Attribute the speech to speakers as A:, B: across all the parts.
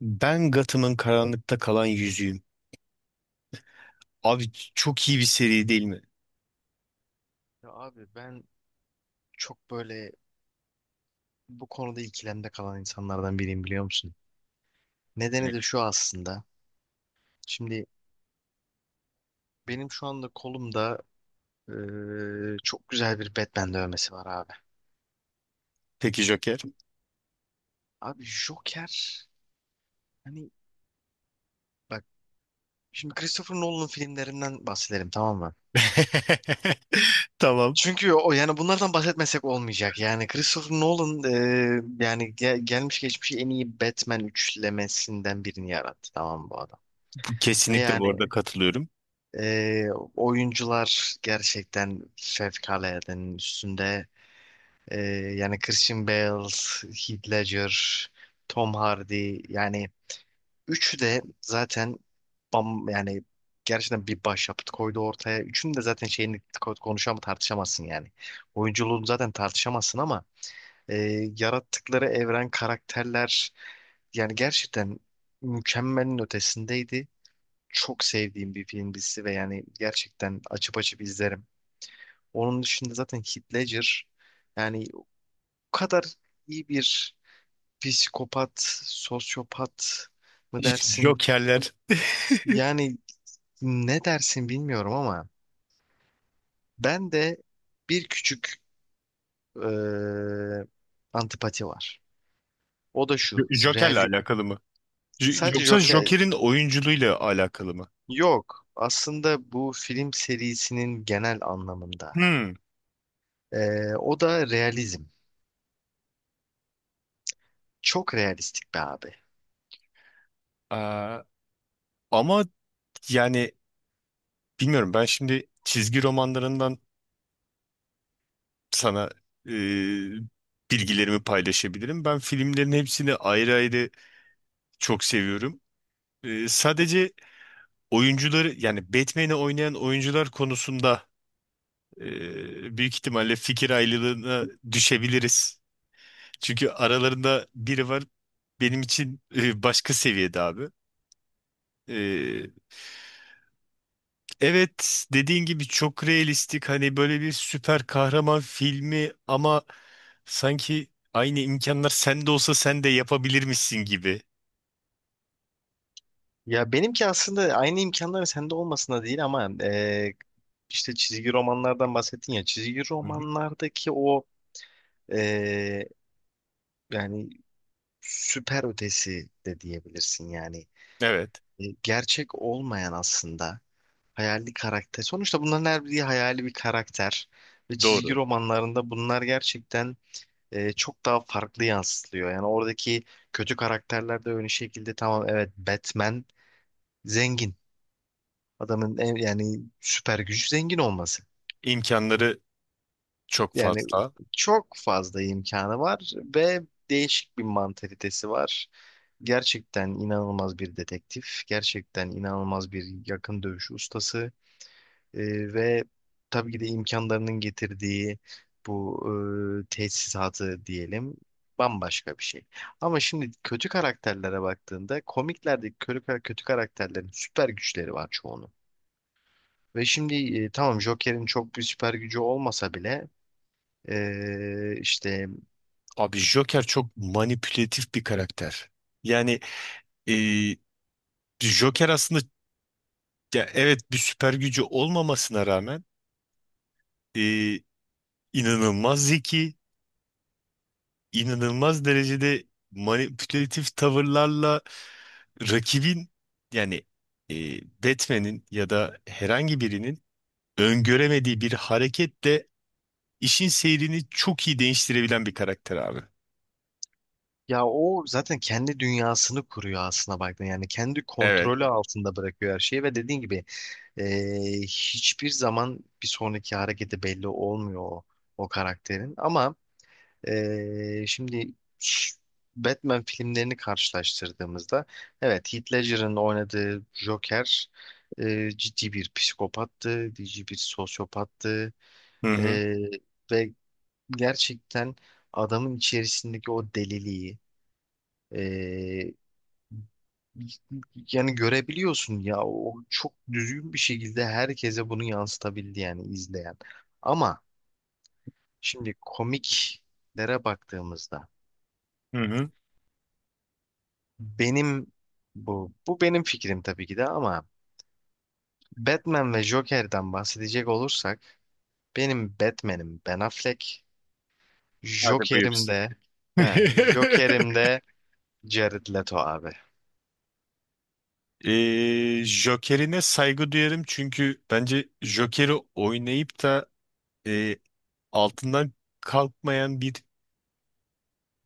A: Ben Gotham'ın karanlıkta kalan yüzüğüm. Abi çok iyi bir seri değil mi?
B: Ya abi ben çok böyle bu konuda ikilemde kalan insanlardan biriyim biliyor musun? Nedeni de şu aslında. Şimdi benim şu anda kolumda çok güzel bir Batman dövmesi var abi.
A: Peki Joker.
B: Abi Joker hani bak şimdi Christopher Nolan'ın filmlerinden bahsedelim tamam mı?
A: Tamam.
B: Çünkü o yani bunlardan bahsetmesek olmayacak. Yani Christopher Nolan yani gelmiş geçmiş en iyi Batman üçlemesinden birini yarattı tamam mı bu adam.
A: Bu
B: Ve
A: kesinlikle bu
B: yani
A: arada katılıyorum.
B: Ee, oyuncular gerçekten fevkaladenin üstünde. Ee, yani Christian Bale, Heath Ledger, Tom Hardy yani üçü de zaten bam yani gerçekten bir başyapıt koydu ortaya. Üçünün de zaten şeyini konuşamam tartışamazsın yani. Oyunculuğunu zaten tartışamazsın ama e, yarattıkları evren, karakterler yani gerçekten mükemmelin ötesindeydi, çok sevdiğim bir film dizisi ve yani gerçekten açıp açıp izlerim. Onun dışında zaten Heath Ledger yani o kadar iyi bir psikopat, sosyopat mı dersin?
A: Jokerler
B: Yani ne dersin bilmiyorum ama ben de bir küçük eee, antipati var. O da şu.
A: Joker'le
B: Reali
A: alakalı mı?
B: sadece
A: Yoksa
B: Joker
A: Joker'in oyunculuğuyla alakalı mı?
B: yok. Aslında bu film serisinin genel anlamında.
A: Hmm.
B: O da realizm. Çok realistik be abi.
A: Aa, ama yani bilmiyorum ben şimdi çizgi romanlarından sana e, bilgilerimi paylaşabilirim. Ben filmlerin hepsini ayrı ayrı çok seviyorum. Sadece oyuncuları yani Batman'i oynayan oyuncular konusunda büyük ihtimalle fikir ayrılığına düşebiliriz. Çünkü aralarında biri var benim için başka seviyede abi. E, evet, dediğin gibi çok realistik hani böyle bir süper kahraman filmi ama sanki aynı imkanlar sende olsa sen de yapabilirmişsin gibi.
B: Ya benimki aslında aynı imkanların sende olmasına değil ama işte çizgi romanlardan bahsettin ya. Çizgi
A: Hı hı.
B: romanlardaki o eee, yani süper ötesi de diyebilirsin yani.
A: Evet,
B: Gerçek olmayan aslında hayali karakter. Sonuçta bunların her biri hayali bir karakter. Ve çizgi
A: doğru.
B: romanlarında bunlar gerçekten çok daha farklı yansıtılıyor. Yani oradaki kötü karakterler de öyle şekilde, tamam evet Batman zengin. Adamın en, yani süper gücü zengin olması.
A: İmkanları çok
B: Yani
A: fazla.
B: çok fazla imkanı var ve değişik bir mantalitesi var. Gerçekten inanılmaz bir dedektif, gerçekten inanılmaz bir yakın dövüş ustası. Ve tabii ki de imkanlarının getirdiği bu tesisatı diyelim bambaşka bir şey. Ama şimdi kötü karakterlere baktığında komiklerdeki kötü karakterlerin süper güçleri var çoğunun. Ve şimdi tamam Joker'in çok bir süper gücü olmasa bile işte
A: Abi Joker çok manipülatif bir karakter. Yani e, Joker aslında ya evet bir süper gücü olmamasına rağmen e, inanılmaz zeki, inanılmaz derecede manipülatif tavırlarla rakibin yani e, Batman'in ya da herhangi birinin öngöremediği bir hareketle işin seyrini çok iyi değiştirebilen bir karakter abi.
B: ya o zaten kendi dünyasını kuruyor aslına baktığında. Yani kendi
A: Evet.
B: kontrolü altında bırakıyor her şeyi ve dediğin gibi e, hiçbir zaman bir sonraki hareketi belli olmuyor o karakterin. Ama şimdi ş- Batman filmlerini karşılaştırdığımızda evet Heath Ledger'ın oynadığı Joker ciddi bir psikopattı, ciddi bir sosyopattı.
A: Hı hı.
B: Ee, ve gerçekten adamın içerisindeki o deliliği ee, yani görebiliyorsun ya, o çok düzgün bir şekilde herkese bunu yansıtabildi yani izleyen. Ama şimdi komiklere baktığımızda
A: Hı hı.
B: benim bu benim fikrim tabii ki de ama Batman ve Joker'den bahsedecek olursak benim Batman'im Ben Affleck,
A: Hadi buyur.
B: Joker'im de he, Joker'im de Jared Leto abi.
A: Ee, Joker'ine saygı duyarım çünkü bence Joker'i oynayıp da e, altından kalkmayan bir,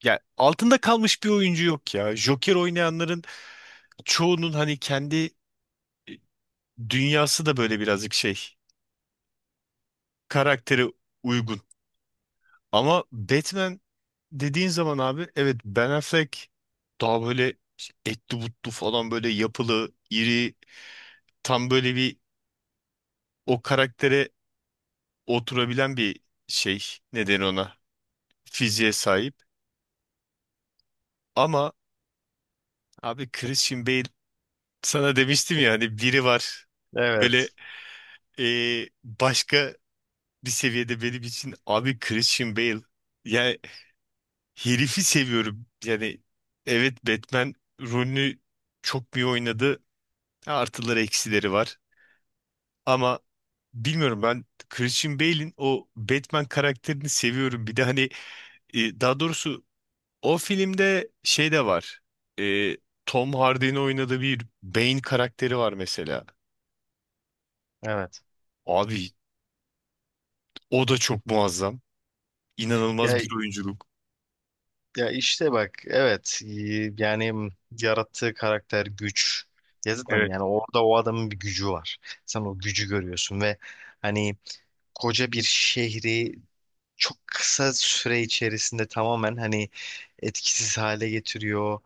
A: ya altında kalmış bir oyuncu yok ya. Joker oynayanların çoğunun hani kendi e, dünyası da böyle birazcık şey, karaktere uygun. Ama Batman dediğin zaman abi evet Ben Affleck daha böyle etli butlu falan, böyle yapılı, iri, tam böyle bir o karaktere oturabilen bir şey. Neden ona? Fiziğe sahip. Ama abi Christian Bale, sana demiştim ya hani biri var. Böyle
B: Evet,
A: e, başka bir seviyede benim için abi Christian Bale. Yani herifi seviyorum. Yani evet Batman rolünü çok iyi oynadı. Artıları eksileri var. Ama bilmiyorum, ben Christian Bale'in o Batman karakterini seviyorum. Bir de hani, daha doğrusu, o filmde şey de var. Ee, Tom Hardy'nin oynadığı bir Bane karakteri var mesela.
B: evet.
A: Abi o da çok muazzam. İnanılmaz
B: Ya,
A: bir oyunculuk.
B: ya işte bak, evet. Yani yarattığı karakter güç. Ya zaten
A: Evet,
B: yani orada o adamın bir gücü var. Sen o gücü görüyorsun ve hani koca bir şehri çok kısa süre içerisinde tamamen hani etkisiz hale getiriyor,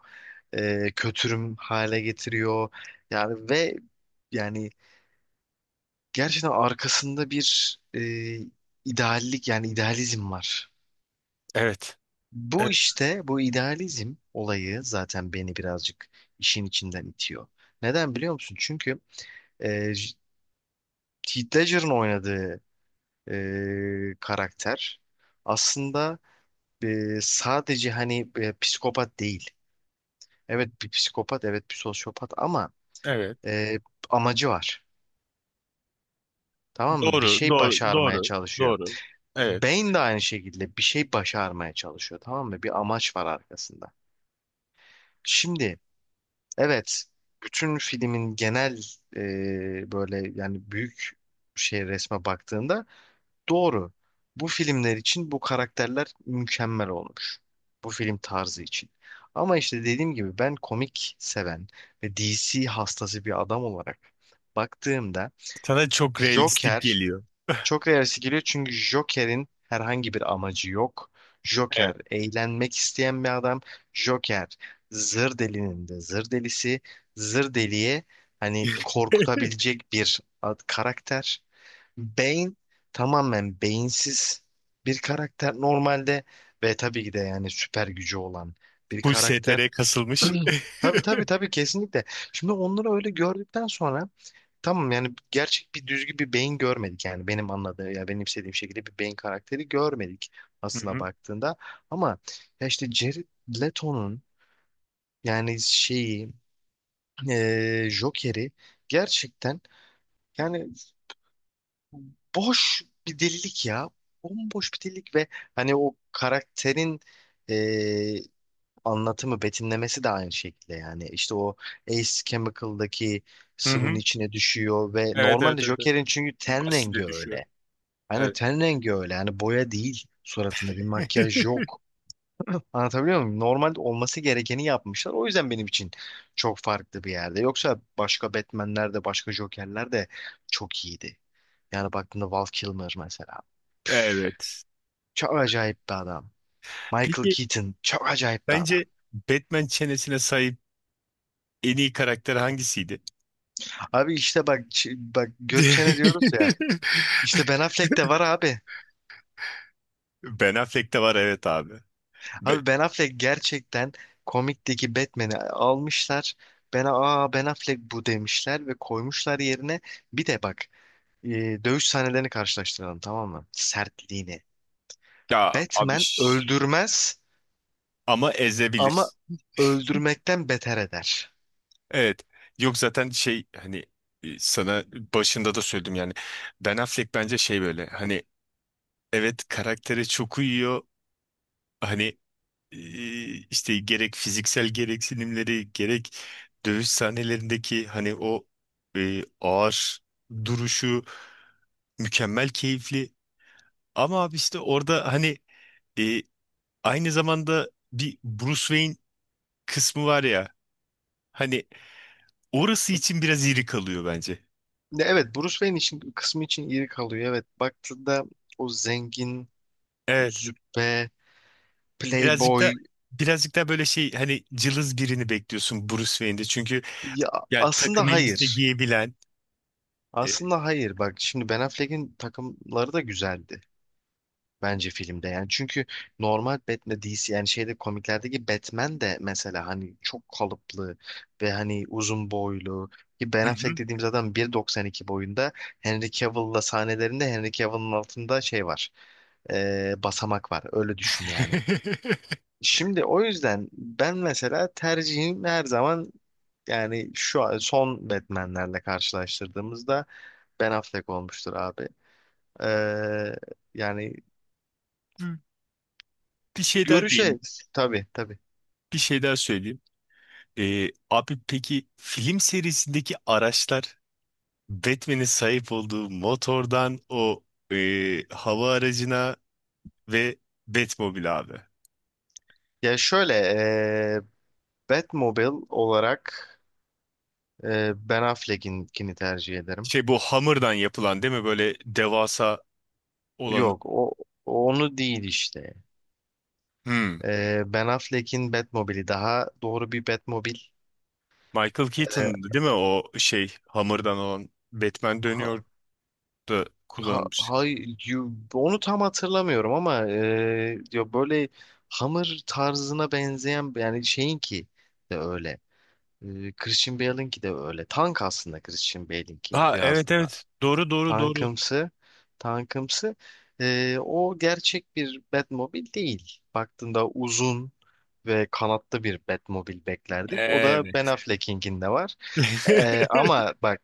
B: kötürüm hale getiriyor. Yani ve yani gerçekten arkasında bir ideallik yani idealizm var.
A: evet,
B: Bu
A: evet,
B: işte bu idealizm olayı zaten beni birazcık işin içinden itiyor. Neden biliyor musun? Çünkü e, J- Heath Ledger'ın oynadığı karakter aslında sadece hani psikopat değil. Evet bir psikopat, evet bir sosyopat ama
A: evet.
B: e, amacı var. Tamam mı? Bir
A: Doğru,
B: şey
A: doğru,
B: başarmaya
A: doğru,
B: çalışıyor.
A: doğru. Evet.
B: Bane de aynı şekilde bir şey başarmaya çalışıyor. Tamam mı? Bir amaç var arkasında. Şimdi evet, bütün filmin genel e, böyle yani büyük şey, resme baktığında doğru. Bu filmler için bu karakterler mükemmel olmuş. Bu film tarzı için. Ama işte dediğim gibi ben komik seven ve DC hastası bir adam olarak baktığımda
A: Sana çok realistik
B: Joker
A: geliyor.
B: çok realistik geliyor çünkü Joker'in herhangi bir amacı yok. Joker
A: Evet.
B: eğlenmek isteyen bir adam. Joker zır delinin de zır delisi. Zır deliye hani korkutabilecek bir karakter. Bane tamamen beyinsiz bir karakter normalde ve tabii ki de yani süper gücü olan bir
A: Bu
B: karakter.
A: STR'ye kasılmış.
B: Tabii tabii tabii kesinlikle. Şimdi onları öyle gördükten sonra tamam yani gerçek bir düzgün bir beyin görmedik yani benim anladığım ya benim istediğim şekilde bir beyin karakteri görmedik
A: Hı
B: aslına
A: hı.
B: baktığında ama ya işte Jared Leto'nun yani şeyi Joker'i gerçekten yani boş bir delilik ya bomboş bir delilik ve hani o karakterin eee, anlatımı betimlemesi de aynı şekilde yani işte o Ace Chemical'daki
A: Hı
B: sıvının
A: hı.
B: içine düşüyor ve
A: Evet,
B: normalde
A: evet, evet, evet.
B: Joker'in çünkü ten
A: Asile
B: rengi
A: düşüyor.
B: öyle. Aynen
A: Evet.
B: ten rengi öyle. Yani boya değil, suratında bir makyaj yok. Anlatabiliyor muyum? Normalde olması gerekeni yapmışlar. O yüzden benim için çok farklı bir yerde. Yoksa başka Batman'ler de başka Joker'ler de çok iyiydi. Yani baktığında Val Kilmer mesela.
A: Evet.
B: Çok acayip bir adam. Michael
A: Peki
B: Keaton çok acayip bir adam.
A: bence Batman çenesine sahip en iyi karakter hangisiydi?
B: Abi işte bak bak göt çene diyoruz ya. İşte Ben Affleck de var abi.
A: Ben Affleck'te var, evet abi. Be-
B: Abi Ben Affleck gerçekten komikteki Batman'i almışlar. Ben aa Ben Affleck bu demişler ve koymuşlar yerine. Bir de bak dövüş sahnelerini karşılaştıralım tamam mı? Sertliğini.
A: ya abi,
B: Batman öldürmez
A: ama
B: ama
A: ezebilir.
B: öldürmekten beter eder.
A: Evet. Yok, zaten şey hani sana başında da söyledim yani. Ben Affleck bence şey, böyle hani, evet karaktere çok uyuyor. Hani e, işte gerek fiziksel gereksinimleri, gerek dövüş sahnelerindeki hani o ağır duruşu mükemmel, keyifli. Ama abi işte orada hani e, Aynı zamanda bir Bruce Wayne kısmı var ya. Hani orası için biraz iri kalıyor bence.
B: Ya evet Bruce Wayne için kısmı için iri kalıyor. Evet baktığında o zengin,
A: Evet.
B: züppe,
A: Birazcık da
B: playboy,
A: birazcık da böyle şey hani, cılız birini bekliyorsun Bruce Wayne'de. Çünkü
B: ya
A: ya takım
B: aslında
A: elbise
B: hayır.
A: giyebilen. e,
B: Aslında hayır bak, şimdi Ben Affleck'in takımları da güzeldi bence filmde yani çünkü normal Batman DC yani şeyde komiklerdeki Batman de mesela hani çok kalıplı ve hani uzun boylu, ki Ben
A: hı
B: Affleck
A: hı.
B: dediğimiz adam 1.92 boyunda. Henry Cavill'la sahnelerinde Henry Cavill'ın altında şey var, basamak var öyle düşün yani. Şimdi o yüzden ben mesela tercihim her zaman yani şu an son Batman'lerle karşılaştırdığımızda Ben Affleck olmuştur abi. Ee, yani
A: Bir şey daha değil.
B: göreceğiz tabii tabii.
A: Bir şey daha söyleyeyim. Abi peki film serisindeki araçlar, Batman'in sahip olduğu motordan o hava aracına ve Batmobile abi.
B: Ya şöyle Batmobile olarak Ben Affleck'inkini tercih ederim.
A: Şey, bu hamurdan yapılan değil mi? Böyle devasa olan.
B: Yok o onu değil işte.
A: Hmm.
B: Ben Affleck'in Batmobile'i daha doğru bir Batmobile.
A: Michael
B: Ee,
A: Keaton değil mi o şey hamurdan olan Batman
B: ha,
A: dönüyor da
B: ha,
A: kullanılmış.
B: hay, onu tam hatırlamıyorum ama ya böyle Hammer tarzına benzeyen yani şeyinki de öyle. Christian Bale'inki de öyle. Tank aslında Christian Bale'inki
A: Ha
B: biraz
A: evet
B: da.
A: evet, doğru doğru doğru.
B: Tankımsı, tankımsı. O gerçek bir Batmobil değil. Baktığında uzun ve kanatlı bir Batmobil beklerdik. O da Ben
A: Evet.
B: Affleck'inkinde var. Ama bak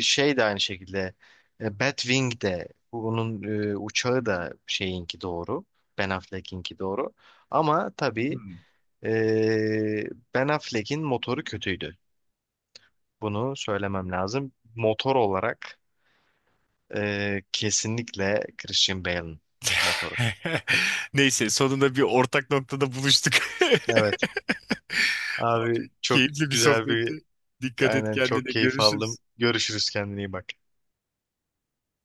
B: şey de aynı şekilde Batwing de bunun uçağı da şeyinki doğru. Ben Affleck'inki doğru. Ama tabii
A: Hmm.
B: Ben Affleck'in motoru kötüydü. Bunu söylemem lazım. Motor olarak kesinlikle Christian Bale'ın motoru.
A: Neyse, sonunda bir ortak noktada buluştuk.
B: Evet. Abi
A: Abi
B: çok
A: keyifli bir
B: güzel
A: sohbetti.
B: bir,
A: Dikkat et
B: aynen çok
A: kendine,
B: keyif aldım.
A: görüşürüz.
B: Görüşürüz, kendine iyi bak.